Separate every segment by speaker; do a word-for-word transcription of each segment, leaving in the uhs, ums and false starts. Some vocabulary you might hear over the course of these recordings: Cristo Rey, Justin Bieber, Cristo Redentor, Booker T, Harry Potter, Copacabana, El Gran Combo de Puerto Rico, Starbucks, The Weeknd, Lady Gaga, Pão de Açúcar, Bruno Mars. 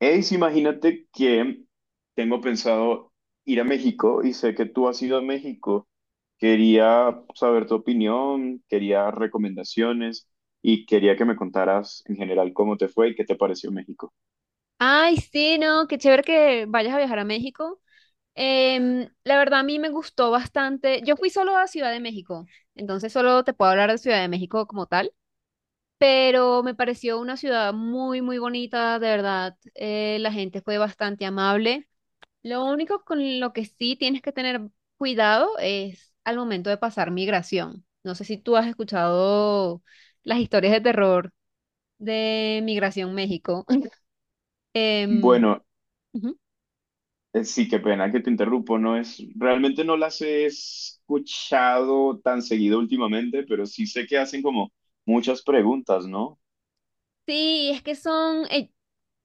Speaker 1: Ace, imagínate que tengo pensado ir a México y sé que tú has ido a México. Quería saber tu opinión, quería recomendaciones y quería que me contaras en general cómo te fue y qué te pareció México.
Speaker 2: Ay, sí, no, qué chévere que vayas a viajar a México. Em, la verdad a mí me gustó bastante. Yo fui solo a Ciudad de México, entonces solo te puedo hablar de Ciudad de México como tal, pero me pareció una ciudad muy, muy bonita, de verdad. Eh, la gente fue bastante amable. Lo único con lo que sí tienes que tener cuidado es al momento de pasar migración. No sé si tú has escuchado las historias de terror de Migración México. Em,
Speaker 1: Bueno,
Speaker 2: ujú.
Speaker 1: eh, sí, qué pena que te interrumpo, no es, realmente no las he escuchado tan seguido últimamente, pero sí sé que hacen como muchas preguntas, ¿no?
Speaker 2: Sí, es que son, eh,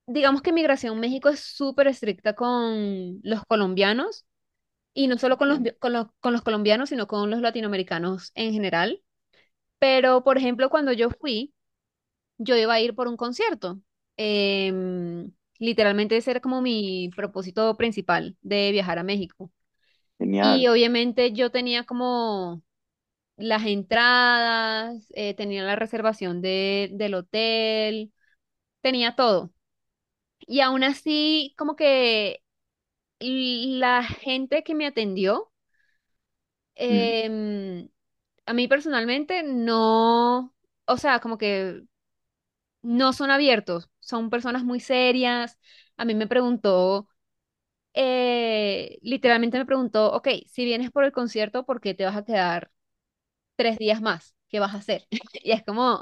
Speaker 2: digamos que Migración México es súper estricta con los colombianos y no solo con los,
Speaker 1: Entiendo.
Speaker 2: vi- con los, con los colombianos, sino con los latinoamericanos en general. Pero, por ejemplo, cuando yo fui, yo iba a ir por un concierto. Em, Literalmente ese era como mi propósito principal de viajar a México. Y
Speaker 1: Genial.
Speaker 2: obviamente yo tenía como las entradas, eh, tenía la reservación de, del hotel, tenía todo. Y aún así, como que la gente que me atendió,
Speaker 1: Mm.
Speaker 2: em, a mí personalmente no, o sea, como que no son abiertos, son personas muy serias. A mí me preguntó, eh, literalmente me preguntó, ok, si vienes por el concierto, ¿por qué te vas a quedar tres días más? ¿Qué vas a hacer? Y es como...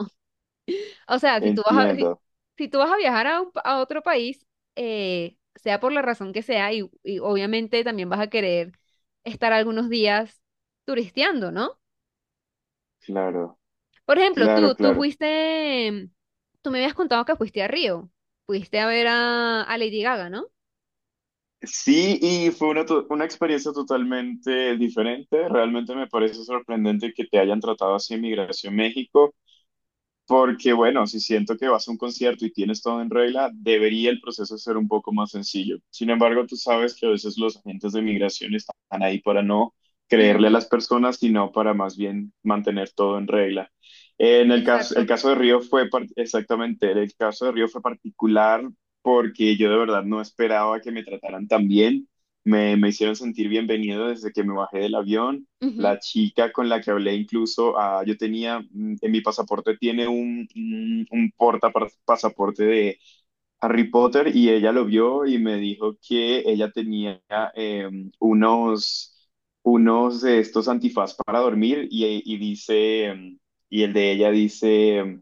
Speaker 2: O sea, si tú vas a, si,
Speaker 1: Entiendo.
Speaker 2: si tú vas a viajar a, un pa- a otro país, eh, sea por la razón que sea, y, y obviamente también vas a querer estar algunos días turisteando, ¿no?
Speaker 1: Claro,
Speaker 2: Por ejemplo,
Speaker 1: claro,
Speaker 2: tú, tú
Speaker 1: claro.
Speaker 2: fuiste, tú me habías contado que fuiste a Río, fuiste a ver a, a Lady Gaga, ¿no?
Speaker 1: Sí, y fue una, to- una experiencia totalmente diferente. Realmente me parece sorprendente que te hayan tratado así en Migración México. Porque bueno, si siento que vas a un concierto y tienes todo en regla, debería el proceso ser un poco más sencillo. Sin embargo, tú sabes que a veces los agentes de migración están ahí para no creerle a
Speaker 2: Ujú,
Speaker 1: las personas, sino para más bien mantener todo en regla. En el caso, el
Speaker 2: exacto.
Speaker 1: caso de Río fue par- exactamente, el caso de Río fue particular porque yo de verdad no esperaba que me trataran tan bien. Me, me hicieron sentir bienvenido desde que me bajé del avión.
Speaker 2: Ujú.
Speaker 1: La chica con la que hablé incluso, ah, yo tenía, mm, en mi pasaporte tiene un, un, un porta par- pasaporte de Harry Potter y ella lo vio y me dijo que ella tenía eh, unos, unos de estos antifaz para dormir y, y dice, mm, y el de ella dice,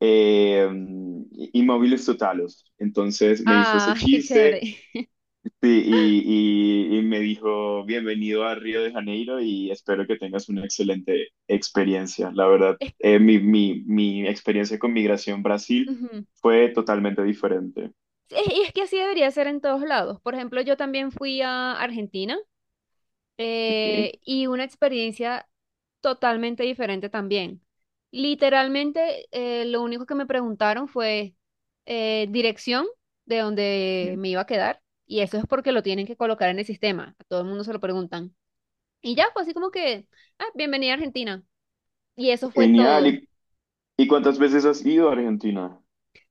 Speaker 1: eh, mm, inmóviles totalos. Entonces me hizo ese
Speaker 2: Ah, qué chévere.
Speaker 1: chiste. Sí, y, y, y me dijo, bienvenido a Río de Janeiro y espero que tengas una excelente experiencia. La verdad,
Speaker 2: Es,
Speaker 1: eh, mi, mi, mi experiencia con Migración Brasil
Speaker 2: ujú.
Speaker 1: fue totalmente diferente.
Speaker 2: Sí, Es- y es que así debería ser en todos lados. Por ejemplo, yo también fui a Argentina
Speaker 1: Ok.
Speaker 2: eh, y una experiencia totalmente diferente también. Literalmente, eh, lo único que me preguntaron fue eh, dirección de donde
Speaker 1: Mm.
Speaker 2: me iba a quedar, y eso es porque lo tienen que colocar en el sistema. A todo el mundo se lo preguntan. Y ya fue así como que, ah, bienvenida a Argentina. Y eso fue
Speaker 1: Genial.
Speaker 2: todo.
Speaker 1: ¿Y, y cuántas veces has ido a Argentina?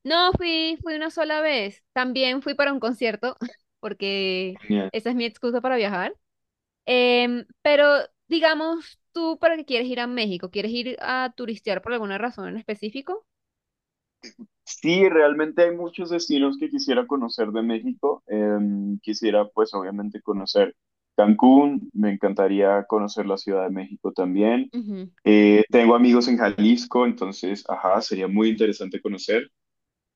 Speaker 2: No, fui, fui una sola vez. También fui para un concierto, porque
Speaker 1: Genial.
Speaker 2: esa es mi excusa para viajar. Em, pero digamos, tú para qué quieres ir a México, ¿quieres ir a turistear por alguna razón en específico?
Speaker 1: Sí, realmente hay muchos destinos que quisiera conocer de México. Em, quisiera, pues, obviamente conocer Cancún. Me encantaría conocer la Ciudad de México también.
Speaker 2: Ujú.
Speaker 1: Eh, tengo amigos en Jalisco, entonces, ajá, sería muy interesante conocer.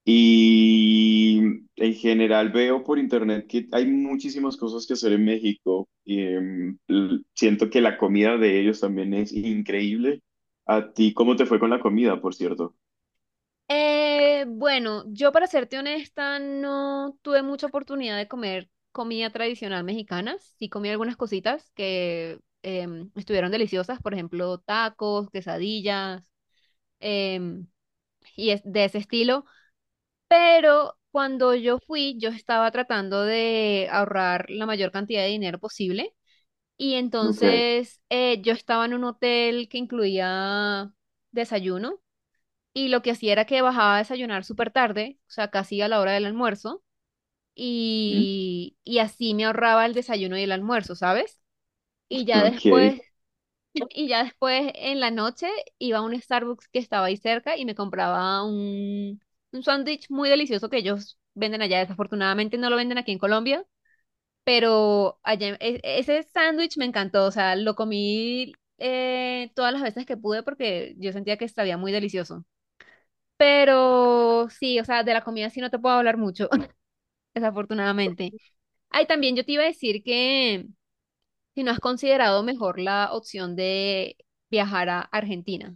Speaker 1: Y en general veo por internet que hay muchísimas cosas que hacer en México. Y, em, l- siento que la comida de ellos también es increíble. ¿A ti cómo te fue con la comida, por cierto?
Speaker 2: Eh, bueno, yo para serte honesta no tuve mucha oportunidad de comer comida tradicional mexicana. Sí comí algunas cositas que em, estuvieron deliciosas, por ejemplo, tacos, quesadillas em, y es de ese estilo. Pero cuando yo fui, yo estaba tratando de ahorrar la mayor cantidad de dinero posible. Y
Speaker 1: Ok.
Speaker 2: entonces eh, yo estaba en un hotel que incluía desayuno y lo que hacía era que bajaba a desayunar súper tarde, o sea, casi a la hora del almuerzo,
Speaker 1: Mm.
Speaker 2: y, y así me ahorraba el desayuno y el almuerzo, ¿sabes? Y ya
Speaker 1: Ok.
Speaker 2: después, y ya después en la noche iba a un Starbucks que estaba ahí cerca y me compraba un, un sándwich muy delicioso que ellos venden allá. Desafortunadamente no lo venden aquí en Colombia, pero allá, e- ese sándwich me encantó, o sea, lo comí eh, todas las veces que pude porque yo sentía que sabía muy delicioso. Pero sí, o sea, de la comida sí no te puedo hablar mucho, desafortunadamente. Ay, también yo te iba a decir que si no has considerado mejor la opción de viajar a Argentina.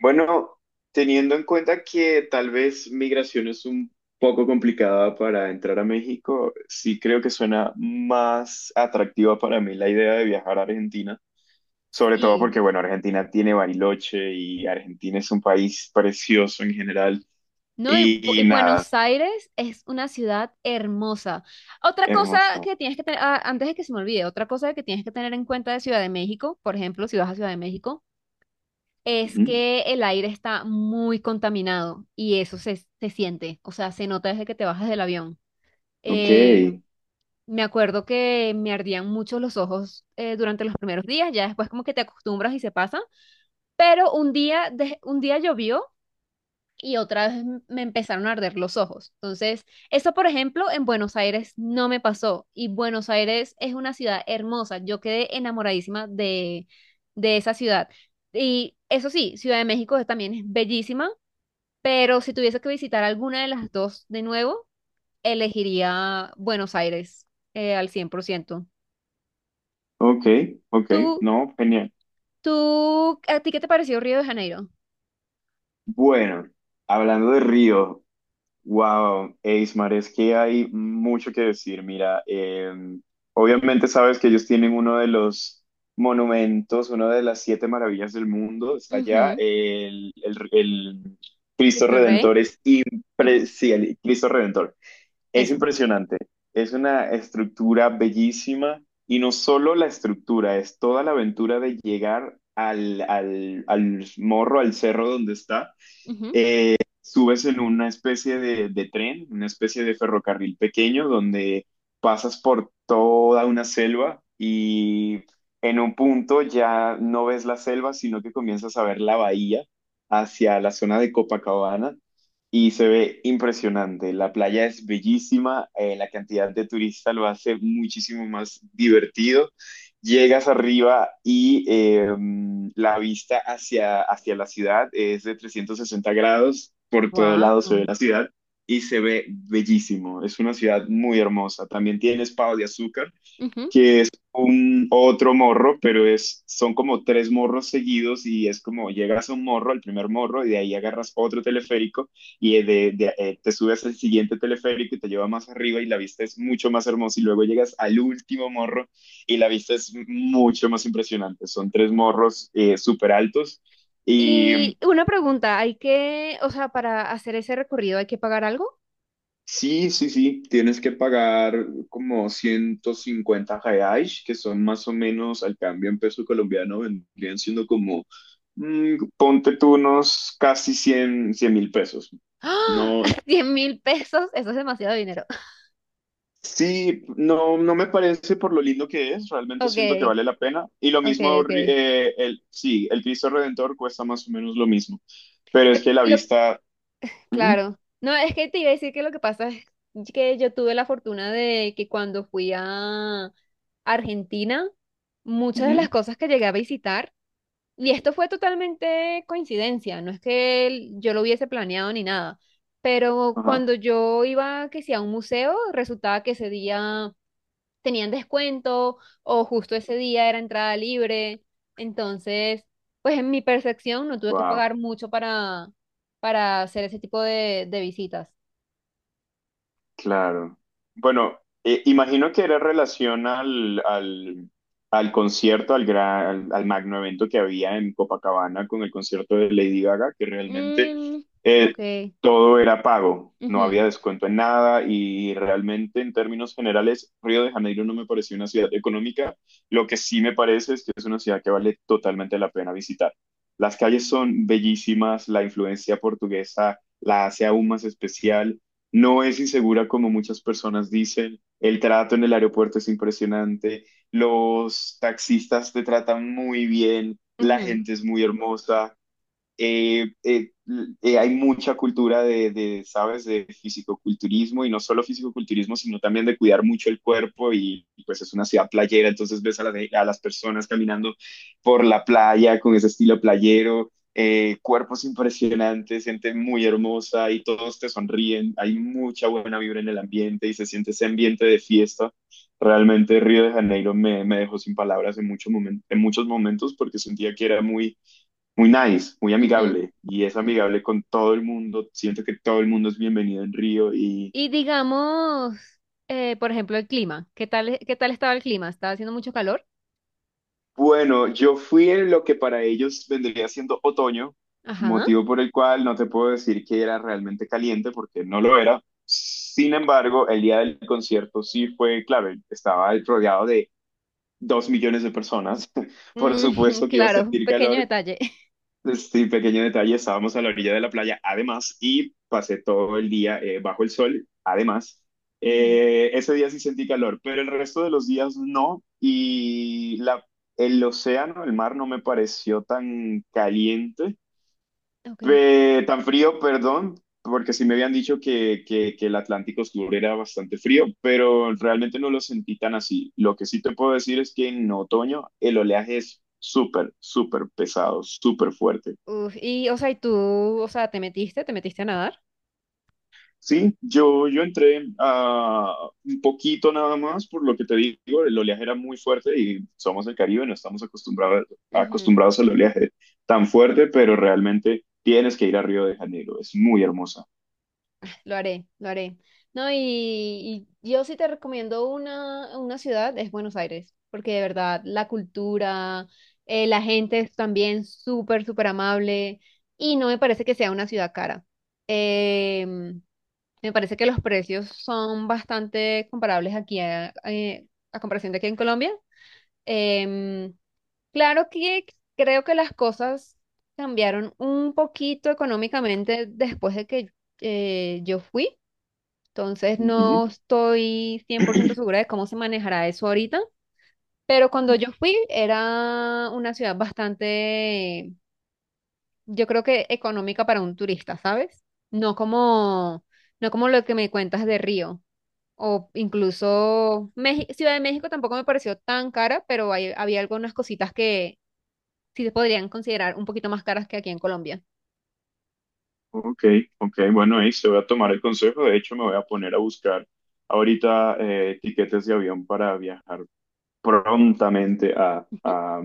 Speaker 1: Bueno, teniendo en cuenta que tal vez migración es un poco complicada para entrar a México, sí creo que suena más atractiva para mí la idea de viajar a Argentina, sobre todo
Speaker 2: Sí.
Speaker 1: porque, bueno, Argentina tiene Bariloche y Argentina es un país precioso en general
Speaker 2: No, y, Bu-
Speaker 1: y,
Speaker 2: y
Speaker 1: y nada,
Speaker 2: Buenos Aires es una ciudad hermosa. Otra cosa
Speaker 1: hermoso.
Speaker 2: que tienes que tener, ah, antes de que se me olvide, otra cosa que tienes que tener en cuenta de Ciudad de México, por ejemplo, si vas a Ciudad de México, es
Speaker 1: Ujú.
Speaker 2: que el aire está muy contaminado y eso se, se siente, o sea, se nota desde que te bajas del avión.
Speaker 1: Ok,
Speaker 2: Eh, Me acuerdo que me ardían mucho los ojos eh, durante los primeros días, ya después como que te acostumbras y se pasa, pero un día, de- un día llovió y otra vez me empezaron a arder los ojos. Entonces, eso, por ejemplo, en Buenos Aires no me pasó. Y Buenos Aires es una ciudad hermosa. Yo quedé enamoradísima de, de esa ciudad. Y eso sí, Ciudad de México es- también es bellísima, pero si tuviese que visitar alguna de las dos de nuevo, elegiría Buenos Aires eh, al cien por ciento.
Speaker 1: ok, ok,
Speaker 2: ¿Tú,
Speaker 1: no, genial.
Speaker 2: tú, a ti qué te pareció Río de Janeiro?
Speaker 1: Bueno, hablando de Río. Wow, eh, es que hay mucho que decir. Mira, eh, obviamente sabes que ellos tienen uno de los monumentos, una de las siete maravillas del mundo, está allá.
Speaker 2: Ujú.
Speaker 1: El, el- el Cristo
Speaker 2: Cristo Rey.
Speaker 1: Redentor es
Speaker 2: Ujú.
Speaker 1: impre- sí, el Cristo Redentor es
Speaker 2: Eso.
Speaker 1: impresionante. Es una estructura bellísima y no solo la estructura, es toda la aventura de llegar al, al al morro, al cerro donde está, subes en una especie de, de tren, una especie de ferrocarril pequeño donde pasas por toda una selva y en un punto ya no ves la selva, sino que comienzas a ver la bahía hacia la zona de Copacabana y se ve impresionante. La playa es bellísima, eh, la cantidad de turistas lo hace muchísimo más divertido. Llegas arriba y eh, la vista hacia, hacia la ciudad es de 360 grados, por todo lado se ve
Speaker 2: Wow.
Speaker 1: la ciudad y se ve bellísimo. Es una ciudad muy hermosa. También tiene pavos de azúcar, que es un otro morro, pero es, son como tres morros seguidos y es como llegas a un morro, al primer morro, y de ahí agarras otro teleférico y de, de- eh, te subes al siguiente teleférico y te lleva más arriba y la vista es mucho más hermosa y luego llegas al último morro y la vista es mucho más impresionante. Son tres morros eh, súper altos.
Speaker 2: Y una pregunta, ¿hay que, o sea, para hacer ese recorrido hay que pagar algo?
Speaker 1: Sí, sí, sí, tienes que pagar como ciento cincuenta reais, que son más o menos al cambio en peso colombiano, vendrían siendo como, mm, ponte tú unos casi cien, cien mil pesos.
Speaker 2: ¡Ah!
Speaker 1: No,
Speaker 2: cien mil pesos, eso es demasiado dinero.
Speaker 1: sí, no, no me parece, por lo lindo que es, realmente siento que
Speaker 2: Ok,
Speaker 1: vale la pena. Y lo
Speaker 2: ok,
Speaker 1: mismo,
Speaker 2: ok.
Speaker 1: ri- eh, el, sí, el Cristo Redentor cuesta más o menos lo mismo, pero es
Speaker 2: Lo-
Speaker 1: que la
Speaker 2: lo-
Speaker 1: vista, ujú,
Speaker 2: claro. No, es que te iba a decir que lo que pasa es que yo tuve la fortuna de que cuando fui a Argentina, muchas de
Speaker 1: ujú,
Speaker 2: las cosas que llegué a visitar. Y esto fue totalmente coincidencia, no es que el- yo lo hubiese planeado ni nada, pero cuando yo iba, que si a un museo, resultaba que ese día tenían descuento o justo ese día era entrada libre, entonces, pues en mi percepción no tuve que
Speaker 1: ajá.
Speaker 2: pagar mucho para, para hacer ese tipo de, de visitas.
Speaker 1: Claro. Bueno, eh, imagino que era relación al, al, al concierto, al, gran, al, al magno evento que había en Copacabana con el concierto de Lady Gaga, que realmente
Speaker 2: Mm,
Speaker 1: eh,
Speaker 2: ok.
Speaker 1: todo era pago, no
Speaker 2: Ujú,
Speaker 1: había descuento en nada y realmente en términos generales Río de Janeiro no me pareció una ciudad económica, lo que sí me parece es que es una ciudad que vale totalmente la pena visitar. Las calles son bellísimas, la influencia portuguesa la hace aún más especial. No es insegura como muchas personas dicen. El trato en el aeropuerto es impresionante. Los taxistas te tratan muy bien. La
Speaker 2: ujú,
Speaker 1: gente es muy hermosa. eh, eh, eh, Hay mucha cultura de, de, ¿sabes?, de fisicoculturismo y no solo fisicoculturismo, sino también de cuidar mucho el cuerpo y, y pues es una ciudad playera, entonces ves a las, a las personas caminando por la playa con ese estilo playero, eh, cuerpos impresionantes, gente muy hermosa y todos te sonríen, hay mucha buena vibra en el ambiente y se siente ese ambiente de fiesta. Realmente Río de Janeiro me, me dejó sin palabras en, mucho momen en muchos momentos porque sentía que era muy muy nice, muy
Speaker 2: ujú.
Speaker 1: amigable y es amigable con todo el mundo. Siento que todo el mundo es bienvenido en Río y
Speaker 2: Y digamos, eh, por ejemplo, el clima, ¿qué tal, qué tal estaba el clima? ¿Estaba haciendo mucho calor?
Speaker 1: bueno, yo fui en lo que para ellos vendría siendo otoño,
Speaker 2: Ajá.
Speaker 1: motivo por el cual no te puedo decir que era realmente caliente porque no lo era. Sin embargo, el día del concierto sí fue, clave, estaba rodeado de dos millones de personas. Por
Speaker 2: Mm,
Speaker 1: supuesto que iba a
Speaker 2: claro, un
Speaker 1: sentir
Speaker 2: pequeño
Speaker 1: calor.
Speaker 2: detalle.
Speaker 1: Pues sí, pequeño detalle, estábamos a la orilla de la playa, además, y pasé todo el día eh, bajo el sol, además.
Speaker 2: Ujú.
Speaker 1: Eh, ese día sí sentí calor, pero el resto de los días no, y la, el océano, el mar, no me pareció tan caliente,
Speaker 2: Ok.
Speaker 1: pe- tan frío, perdón, porque sí me habían dicho que, que, que el Atlántico Sur era bastante frío, pero realmente no lo sentí tan así. Lo que sí te puedo decir es que en otoño el oleaje es súper, súper pesado, súper fuerte.
Speaker 2: Uf, y, o sea, y tú, o sea, ¿te metiste? ¿Te metiste a nadar?
Speaker 1: Sí, yo, yo entré a un poquito nada más, por lo que te digo, el oleaje era muy fuerte y somos del Caribe, no estamos acostumbrados,
Speaker 2: Ujú.
Speaker 1: acostumbrados al oleaje tan fuerte, pero realmente tienes que ir a Río de Janeiro, es muy hermosa.
Speaker 2: Lo haré, lo haré. No, y, y yo sí te recomiendo una, una ciudad, es Buenos Aires, porque de verdad la cultura, eh, la gente es también súper, súper amable y no me parece que sea una ciudad cara. Em, Me parece que los precios son bastante comparables aquí a, eh, a comparación de aquí en Colombia. Em, Claro que creo que las cosas cambiaron un poquito económicamente después de que eh, yo fui, entonces
Speaker 1: Ujú.
Speaker 2: no estoy cien por ciento segura de cómo se manejará eso ahorita, pero cuando yo fui era una ciudad bastante, yo creo que económica para un turista, ¿sabes? No como, no como lo que me cuentas de Río. O incluso Meji- Ciudad de México tampoco me pareció tan cara, pero hay- había algunas cositas que sí se podrían considerar un poquito más caras que aquí en Colombia.
Speaker 1: Ok, ok, bueno, ahí se voy a tomar el consejo, de hecho me voy a poner a buscar ahorita eh, tiquetes de avión para viajar prontamente a,
Speaker 2: Ujú,
Speaker 1: a,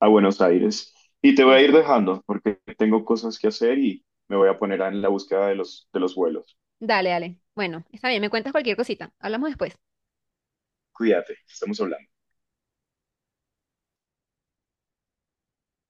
Speaker 1: a Buenos Aires. Y te voy a ir
Speaker 2: listo.
Speaker 1: dejando porque tengo cosas que hacer y me voy a poner en la búsqueda de los, de los vuelos.
Speaker 2: Dale, dale. Bueno, está bien, me cuentas cualquier cosita. Hablamos después.
Speaker 1: Cuídate, estamos hablando.